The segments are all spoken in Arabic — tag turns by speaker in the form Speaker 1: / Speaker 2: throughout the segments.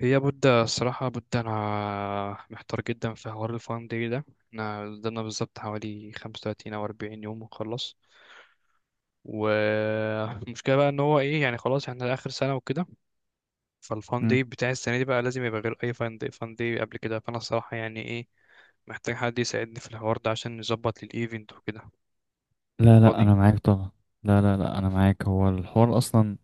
Speaker 1: هي بود الصراحة بود أنا محتار جدا في حوار الفان داي ده. احنا قدامنا بالظبط حوالي خمسة وتلاتين أو أربعين يوم ونخلص، والمشكلة بقى إن هو إيه يعني خلاص احنا آخر سنة وكده، فالفان داي
Speaker 2: مم.
Speaker 1: بتاع السنة دي بقى لازم يبقى غير أي فان داي، فان داي قبل كده، فأنا الصراحة يعني إيه، محتاج حد يساعدني في الحوار ده عشان نظبط للإيفنت وكده.
Speaker 2: لا لا،
Speaker 1: فاضي؟
Speaker 2: انا معاك طبعا. لا لا لا، انا معاك. هو الحوار اصلا،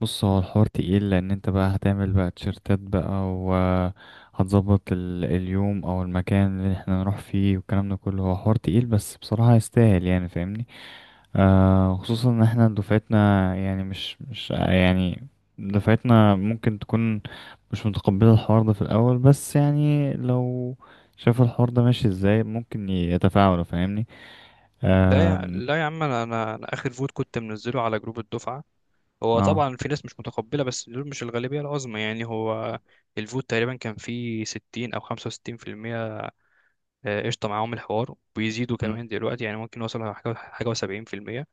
Speaker 2: بص، هو الحوار تقيل لان انت بقى هتعمل بقى تيشرتات بقى، وهتظبط اليوم او المكان اللي احنا نروح فيه والكلام ده كله. هو حوار تقيل، بس بصراحة يستاهل يعني، فاهمني؟ آه، خصوصا ان احنا دفعتنا يعني مش يعني دفعتنا ممكن تكون مش متقبلة الحوار ده في الاول، بس يعني لو شاف الحوار ده ماشي ازاي ممكن يتفاعلوا، فاهمني؟
Speaker 1: لا يا،
Speaker 2: آم،
Speaker 1: لا يا عم، أنا آخر فوت كنت منزله على جروب الدفعة. هو
Speaker 2: اه.
Speaker 1: طبعا في ناس مش متقبلة بس دول مش الغالبية العظمى، يعني هو الفوت تقريبا كان فيه ستين أو خمسة وستين في المية. قشطة معاهم الحوار وبيزيدوا
Speaker 2: مم.
Speaker 1: كمان دلوقتي، يعني ممكن يوصلوا حاجة، وسبعين في المية.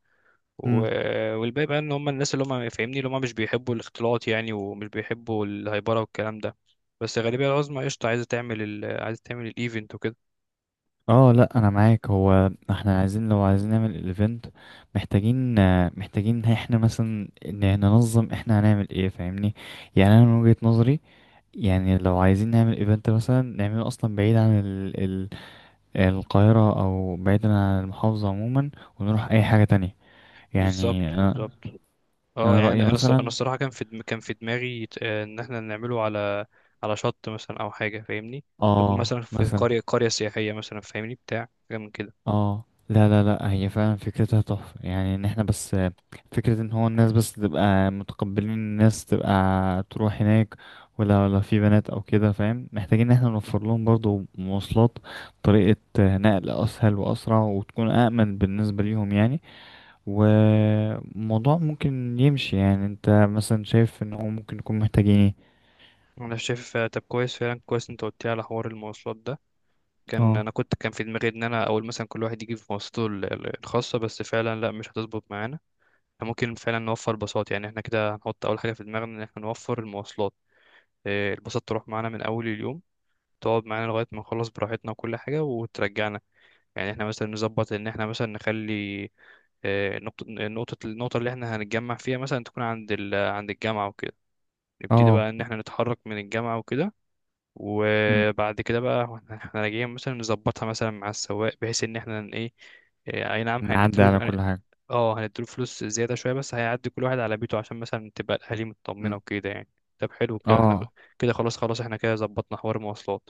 Speaker 2: مم.
Speaker 1: والباقي بقى إن هم الناس اللي هم، فاهمني، اللي هم مش بيحبوا الاختلاط يعني، ومش بيحبوا الهيبرة والكلام ده. بس الغالبية العظمى قشطة عايزة تعمل عايزة تعمل الإيفنت وكده.
Speaker 2: اه لا، انا معاك. هو احنا عايزين، لو عايزين نعمل الايفنت محتاجين محتاجين احنا مثلا ننظم احنا هنعمل ايه، فاهمني؟ يعني انا من وجهة نظري، يعني لو عايزين نعمل ايفنت مثلا نعمله اصلا بعيد عن ال القاهرة، او بعيد عن المحافظة عموما، ونروح اي حاجة تانية
Speaker 1: بالظبط
Speaker 2: يعني انا.
Speaker 1: بالظبط. اه
Speaker 2: أنا
Speaker 1: يعني انا
Speaker 2: رأيي
Speaker 1: انا أنا
Speaker 2: مثلا،
Speaker 1: الصراحه كان في كان في دماغي ان احنا نعمله على على شط مثلا او حاجه، فاهمني، تكون
Speaker 2: اه
Speaker 1: مثلا في
Speaker 2: مثلا.
Speaker 1: قريه، سياحيه مثلا، فاهمني، بتاع حاجه من كده.
Speaker 2: اه لا لا لا، هي فعلا فكرتها تحفة يعني، ان احنا بس فكرة ان هو الناس بس تبقى متقبلين، الناس تبقى تروح هناك. ولا في بنات او كده فاهم، محتاجين ان احنا نوفر لهم برضو مواصلات، طريقة نقل اسهل واسرع وتكون امن بالنسبة ليهم يعني. وموضوع ممكن يمشي يعني. انت مثلا شايف ان هو ممكن يكون محتاجين ايه؟
Speaker 1: انا شايف. طب كويس، فعلا كويس انت قلت لي على حوار المواصلات ده. كان
Speaker 2: اه.
Speaker 1: انا كان في دماغي ان انا اول مثلا كل واحد يجيب مواصلاته الخاصه، بس فعلا لا، مش هتظبط معانا. إحنا ممكن فعلا نوفر باصات، يعني احنا كده هنحط اول حاجه في دماغنا ان احنا نوفر المواصلات. الباصات تروح معانا من اول اليوم، تقعد معانا لغايه ما نخلص براحتنا وكل حاجه وترجعنا. يعني احنا مثلا نظبط ان احنا مثلا نخلي نقطة، النقطة اللي احنا هنتجمع فيها مثلا تكون عند عند الجامعة وكده. نبتدي
Speaker 2: اه.
Speaker 1: بقى ان احنا نتحرك من الجامعة وكده.
Speaker 2: مم.
Speaker 1: وبعد كده بقى احنا راجعين مثلا نظبطها مثلا مع السواق بحيث ان احنا ن- ايه آه، اي نعم
Speaker 2: نعدي على
Speaker 1: هنديله
Speaker 2: كل حاجة.
Speaker 1: هنديله فلوس زيادة شوية، بس هيعدي كل واحد على بيته عشان مثلا تبقى الاهالي مطمنة
Speaker 2: مم.
Speaker 1: وكده يعني. طب حلو كده احنا
Speaker 2: اه.
Speaker 1: كده خلاص، احنا كده ظبطنا حوار المواصلات.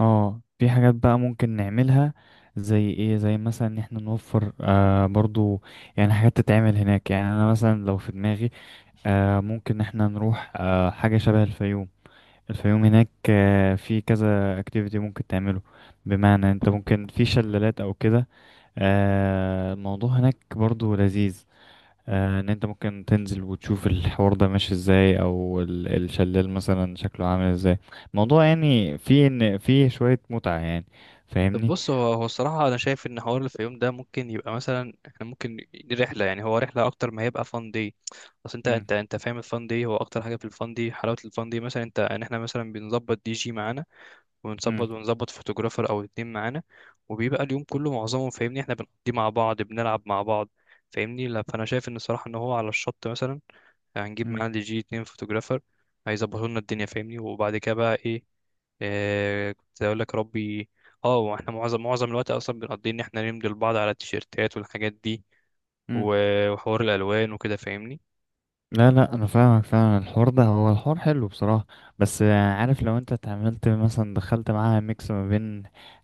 Speaker 2: اه في حاجات بقى ممكن نعملها، زي ايه؟ زي مثلا ان احنا نوفر آه برضو يعني حاجات تتعمل هناك. يعني انا مثلا لو في دماغي، آه ممكن ان احنا نروح حاجة شبه الفيوم. الفيوم هناك آه في كذا اكتيفيتي ممكن تعمله، بمعنى انت ممكن في شلالات او كده. آه الموضوع هناك برضو لذيذ، ان انت ممكن تنزل وتشوف الحوار ده ماشي ازاي، او الشلال مثلا شكله عامل ازاي. الموضوع يعني فيه ان فيه شوية متعة يعني،
Speaker 1: طب
Speaker 2: فاهمني؟
Speaker 1: بص، هو الصراحة أنا شايف إن حوار الفيوم ده ممكن يبقى مثلا، إحنا ممكن دي رحلة، يعني هو رحلة أكتر ما هيبقى فان دي. أصل أنت
Speaker 2: مم.
Speaker 1: أنت أنت فاهم، الفان دي هو أكتر حاجة في الفان دي حلاوة الفان دي مثلا أنت إن إحنا مثلا بنظبط دي جي معانا،
Speaker 2: مم.
Speaker 1: ونظبط فوتوغرافر أو اتنين معانا، وبيبقى اليوم كله معظمه، فاهمني، إحنا بنقضيه مع بعض، بنلعب مع بعض، فاهمني. لا، فأنا شايف إن الصراحة إن هو على الشط مثلا، هنجيب
Speaker 2: مم.
Speaker 1: معاه دي جي، اتنين فوتوجرافر، هيظبطوا لنا الدنيا، فاهمني. وبعد كده بقى ايه، كنت اقول لك، يا ربي. اه، واحنا معظم الوقت اصلا بنقضي ان احنا نمضي لبعض على التيشيرتات والحاجات دي
Speaker 2: مم.
Speaker 1: وحوار الالوان وكده، فاهمني.
Speaker 2: لا لا، انا فاهمك فعلا. الحوار ده هو الحوار حلو بصراحة، بس عارف لو انت اتعاملت مثلا دخلت معاها ميكس ما بين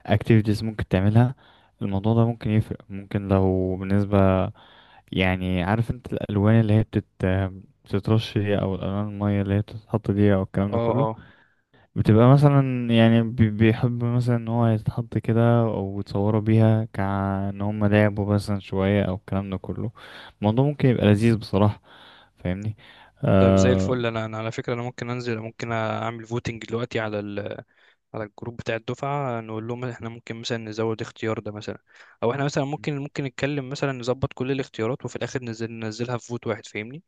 Speaker 2: activities ممكن تعملها، الموضوع ده ممكن يفرق. ممكن لو بالنسبة يعني، عارف انت الالوان اللي هي بتترش دي، او الالوان الميه اللي هي بتتحط دي، او الكلام ده
Speaker 1: اه
Speaker 2: كله،
Speaker 1: اه.
Speaker 2: بتبقى مثلا يعني بيحب مثلا ان هو يتحط كده، او يتصوروا بيها كأن هم لعبوا مثلا شويه او الكلام ده كله. الموضوع ممكن يبقى لذيذ بصراحه، فاهمني؟
Speaker 1: طيب زي
Speaker 2: آه.
Speaker 1: الفل. انا على فكره، انا ممكن انزل، ممكن اعمل فوتنج دلوقتي على على الجروب بتاع الدفعه، نقول لهم احنا ممكن مثلا نزود اختيار ده مثلا، او احنا مثلا ممكن نتكلم مثلا نظبط كل الاختيارات وفي الاخر ننزلها في فوت واحد، فاهمني،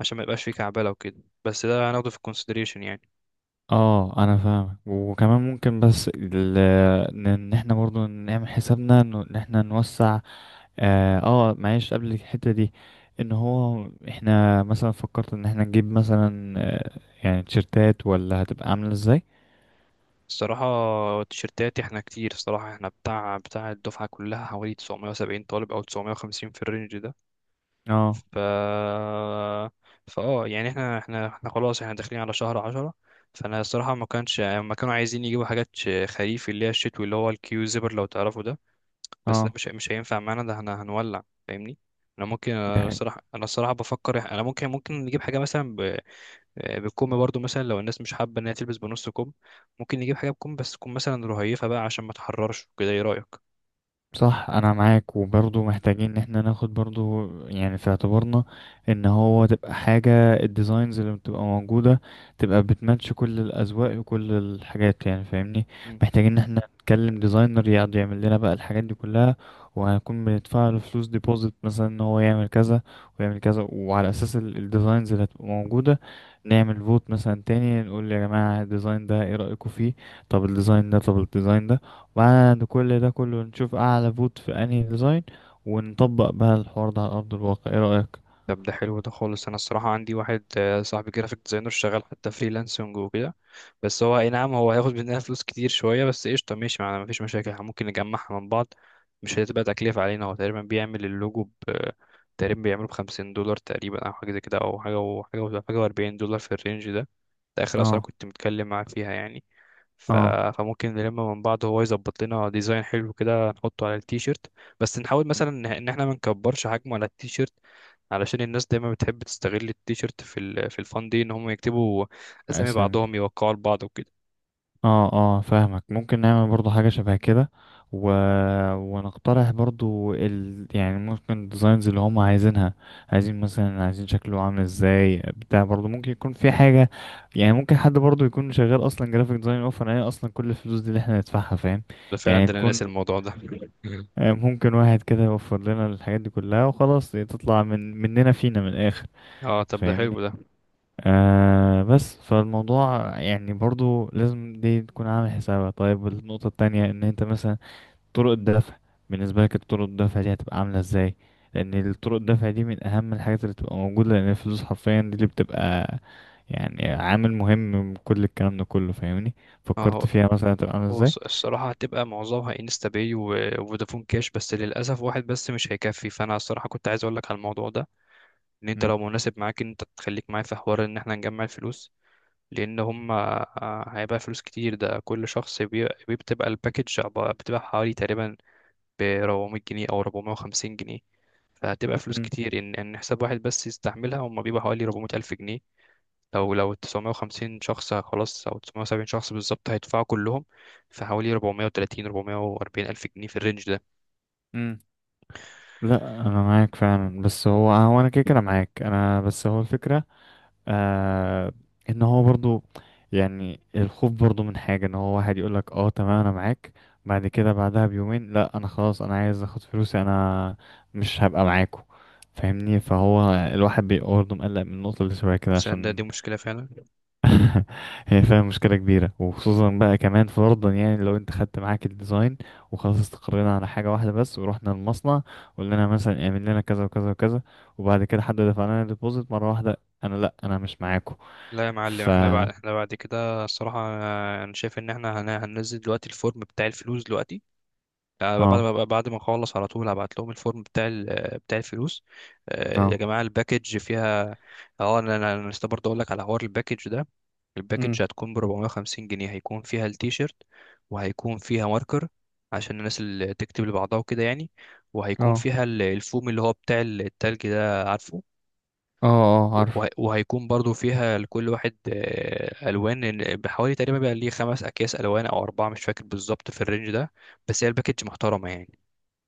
Speaker 1: عشان ما يبقاش فيه كعبله وكده، بس ده هناخده في الكونسيدريشن يعني.
Speaker 2: اه انا فاهم، وكمان ممكن بس ان إن احنا برضو نعمل حسابنا انه ان احنا نوسع. اه، معلش قبل الحتة دي، ان هو احنا مثلا فكرت ان احنا نجيب مثلا يعني تيشرتات، ولا هتبقى عاملة ازاي؟
Speaker 1: الصراحه التيشيرتات احنا كتير، الصراحه احنا بتاع الدفعه كلها حوالي 970 طالب او 950 في الرينج ده.
Speaker 2: اه.
Speaker 1: ف يعني احنا خلاص احنا داخلين على شهر عشرة، فانا الصراحه ما كانوا عايزين يجيبوا حاجات خريف، اللي هي الشتوي، اللي هو الكيو زيبر، لو تعرفوا ده، بس ده
Speaker 2: اه.
Speaker 1: مش هينفع معانا، ده احنا هنولع، فاهمني. انا ممكن، انا
Speaker 2: ده
Speaker 1: الصراحه انا الصراحه بفكر انا ممكن، نجيب حاجه مثلا، بالكم برضو مثلا لو الناس مش حابة إن هي تلبس بنص كم، ممكن نجيب حاجة بكم بس تكون مثلا رهيفة بقى عشان ما تحررش كده. إيه رأيك؟
Speaker 2: صح، انا معاك. وبرضه محتاجين ان احنا ناخد برضه يعني في اعتبارنا ان هو تبقى حاجة الديزاينز اللي بتبقى موجودة تبقى بتماتش كل الاذواق وكل الحاجات، يعني فاهمني؟
Speaker 1: مم.
Speaker 2: محتاجين ان احنا نتكلم ديزاينر يقعد يعمل لنا بقى الحاجات دي كلها، وهنكون بندفع له فلوس ديبوزيت مثلا ان هو يعمل كذا ويعمل كذا، وعلى اساس الديزاينز اللي هتبقى موجودة نعمل فوت مثلا تاني نقول يا جماعة الديزاين ده ايه رأيكم فيه، طب الديزاين ده، طب الديزاين ده. بعد كل ده كله نشوف اعلى فوت في انهي ديزاين، ونطبق بقى الحوار ده على ارض الواقع، ايه رأيك؟
Speaker 1: طب ده حلو ده خالص. أنا الصراحة عندي واحد، صاحبي جرافيك ديزاينر شغال حتى فريلانسنج وكده. بس هو، أي نعم، هو هياخد مننا فلوس كتير شوية، بس قشطة ماشي معانا مفيش مشاكل، إحنا ممكن نجمعها من بعض، مش هتبقى تكلفة علينا. هو تقريبا بيعمل اللوجو ب، تقريبا بيعمله بخمسين دولار تقريبا، أو حاجة زي كده، أو حاجة وحاجة وأربعين دولار في الرينج ده. ده آخر أسعار
Speaker 2: اه.
Speaker 1: كنت متكلم معاه فيها يعني. ف...
Speaker 2: اه.
Speaker 1: فممكن نلم من بعض، هو يظبط لنا ديزاين حلو كده نحطه على التيشيرت، بس نحاول مثلا إن احنا ما نكبرش حجمه على التيشيرت، علشان الناس دايما بتحب تستغل التيشيرت في في الفان دي ان هم يكتبوا اسامي
Speaker 2: اسامي.
Speaker 1: بعضهم، يوقعوا لبعض وكده.
Speaker 2: اه اه فاهمك. ممكن نعمل برضو حاجة شبه كده، و... ونقترح برضو يعني ممكن الديزاينز اللي هم عايزينها، عايزين مثلا، عايزين شكله عامل ازاي بتاع. برضو ممكن يكون في حاجة يعني، ممكن حد برضو يكون شغال اصلا جرافيك ديزاين اوفر، هي اصلا كل الفلوس دي اللي احنا ندفعها، فاهم؟
Speaker 1: ده فعلا،
Speaker 2: يعني
Speaker 1: ده انا
Speaker 2: تكون
Speaker 1: ناسي الموضوع ده.
Speaker 2: ممكن واحد كده يوفر لنا الحاجات دي كلها، وخلاص تطلع من مننا فينا من الآخر،
Speaker 1: اه، طب ده
Speaker 2: فاهمني؟
Speaker 1: حلو ده.
Speaker 2: آه. بس فالموضوع يعني برضو لازم دي تكون عامل حسابها. طيب النقطة التانية، ان انت مثلا طرق الدفع، بالنسبة لك طرق الدفع دي هتبقى عاملة ازاي؟ لان الطرق الدفع دي من اهم الحاجات اللي بتبقى موجودة، لان الفلوس حرفيا دي اللي بتبقى يعني عامل مهم من كل الكلام ده كله، فاهمني؟
Speaker 1: اه، هو
Speaker 2: فكرت فيها مثلا هتبقى عاملة
Speaker 1: هو
Speaker 2: ازاي؟
Speaker 1: الصراحة هتبقى معظمها انستا باي وفودافون كاش، بس للأسف واحد بس مش هيكفي، فأنا الصراحة كنت عايز أقولك على الموضوع ده، إن أنت
Speaker 2: مم.
Speaker 1: لو مناسب معاك إن أنت تخليك معايا في حوار إن احنا نجمع الفلوس، لان هم، هيبقى فلوس كتير ده، كل شخص بتبقى الباكج بتبقى حوالي تقريبا ب 400 جنيه او 450 جنيه. فهتبقى فلوس كتير ان حساب واحد بس يستحملها. هم بيبقى حوالي 400 الف جنيه، لو 950 شخص خلاص، او 970 شخص بالظبط هيدفعوا كلهم، فحوالي 430 440 الف جنيه في الرينج ده.
Speaker 2: مم. لا انا معاك فعلا، بس هو هو انا كده كده معاك انا، بس هو الفكره آه ان هو برضو يعني الخوف برضو من حاجه، ان هو واحد يقول لك اه تمام انا معاك، بعد كده بعدها بيومين لا انا خلاص انا عايز اخد فلوسي انا، مش هبقى معاكو، فاهمني؟ فهو الواحد بيبقى برضه مقلق من النقطه اللي شويه كده
Speaker 1: تصدق
Speaker 2: عشان
Speaker 1: دي مشكلة فعلا.
Speaker 2: هي فعلا مشكلة كبيرة. وخصوصا بقى كمان فرضا، يعني لو انت خدت معاك الديزاين وخلاص استقرينا على حاجة واحدة بس، ورحنا المصنع قلنا لنا مثلا اعمل لنا كذا وكذا وكذا، وبعد كده حد دفع لنا ديبوزيت مرة واحدة، انا لا انا مش معاكم.
Speaker 1: لا يا معلم،
Speaker 2: ف
Speaker 1: احنا بعد، بعد كده الصراحة، انا شايف ان احنا هننزل دلوقتي الفورم بتاع الفلوس دلوقتي. بعد
Speaker 2: اه.
Speaker 1: ما، اخلص على طول هبعت لهم الفورم بتاع بتاع الفلوس.
Speaker 2: اه.
Speaker 1: يا جماعه الباكج فيها، اه، انا انا أنا لسه برضه اقول لك على حوار الباكج ده.
Speaker 2: امم.
Speaker 1: الباكج هتكون ب 450 جنيه، هيكون فيها التيشيرت، وهيكون فيها ماركر عشان الناس اللي تكتب لبعضها وكده يعني، وهيكون
Speaker 2: اه.
Speaker 1: فيها الفوم اللي هو بتاع التلج ده، عارفه.
Speaker 2: اه. اه عارف.
Speaker 1: وهيكون برضو فيها لكل واحد الوان بحوالي تقريبا بقى ليه خمس اكياس الوان او اربعه، مش فاكر بالظبط، في الرينج ده، بس هي الباكج محترمه يعني.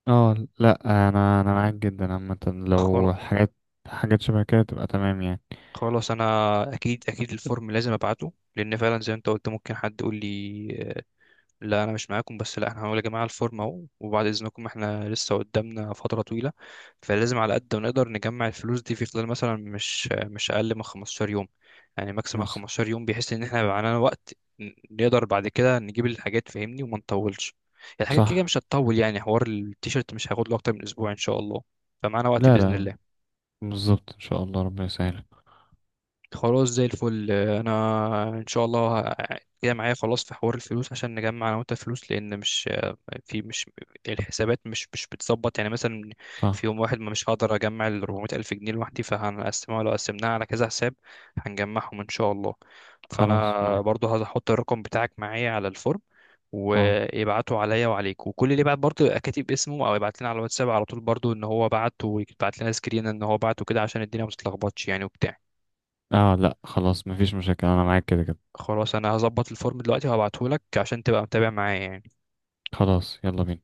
Speaker 2: اه لا، انا انا معاك جدا. عامة لو حاجات حاجات شبه كده تبقى تمام يعني.
Speaker 1: خلاص انا، اكيد الفورم لازم ابعته، لان فعلا زي ما انت قلت، ممكن حد يقول لي، آه، لا انا مش معاكم، بس لا احنا هنقول يا جماعه الفورم اهو، وبعد اذنكم احنا لسه قدامنا فتره طويله، فلازم على قد ما نقدر نجمع الفلوس دي في خلال مثلا مش مش اقل من 15 يوم، يعني ماكسيمم
Speaker 2: بس
Speaker 1: 15 يوم، بحيث ان احنا يبقى معانا وقت، نقدر بعد كده نجيب الحاجات، فاهمني، وما نطولش، الحاجات كده
Speaker 2: صح.
Speaker 1: مش هتطول يعني، حوار التيشيرت مش هياخد له اكتر من اسبوع ان شاء الله، فمعانا وقت
Speaker 2: لا
Speaker 1: باذن
Speaker 2: لا،
Speaker 1: الله.
Speaker 2: بالظبط، ان شاء الله ربنا يسهلك.
Speaker 1: خلاص زي الفل، انا ان شاء الله جاي معايا خلاص في حوار الفلوس عشان نجمع انا وانت فلوس، لان مش، في مش الحسابات مش بتظبط يعني مثلا في
Speaker 2: صح.
Speaker 1: يوم واحد، ما مش هقدر اجمع ال 400 الف جنيه لوحدي، فهنقسمها، لو قسمناها على كذا حساب هنجمعهم ان شاء الله.
Speaker 2: خلاص
Speaker 1: فانا
Speaker 2: معاك.
Speaker 1: برضو هحط الرقم بتاعك معايا على الفورم،
Speaker 2: اه.
Speaker 1: ويبعتوا عليا وعليك، وكل اللي يبعت برضو يبقى كاتب اسمه، او يبعت لنا على الواتساب على طول برضو ان هو بعت، ويبعت لنا سكرين ان هو بعت وكده، عشان الدنيا ما تتلخبطش يعني وبتاع.
Speaker 2: اه لا خلاص، مفيش مشاكل، انا معاك كده كده.
Speaker 1: خلاص انا هظبط الفورم دلوقتي وهبعته لك عشان تبقى متابع معايا يعني.
Speaker 2: خلاص يلا بينا.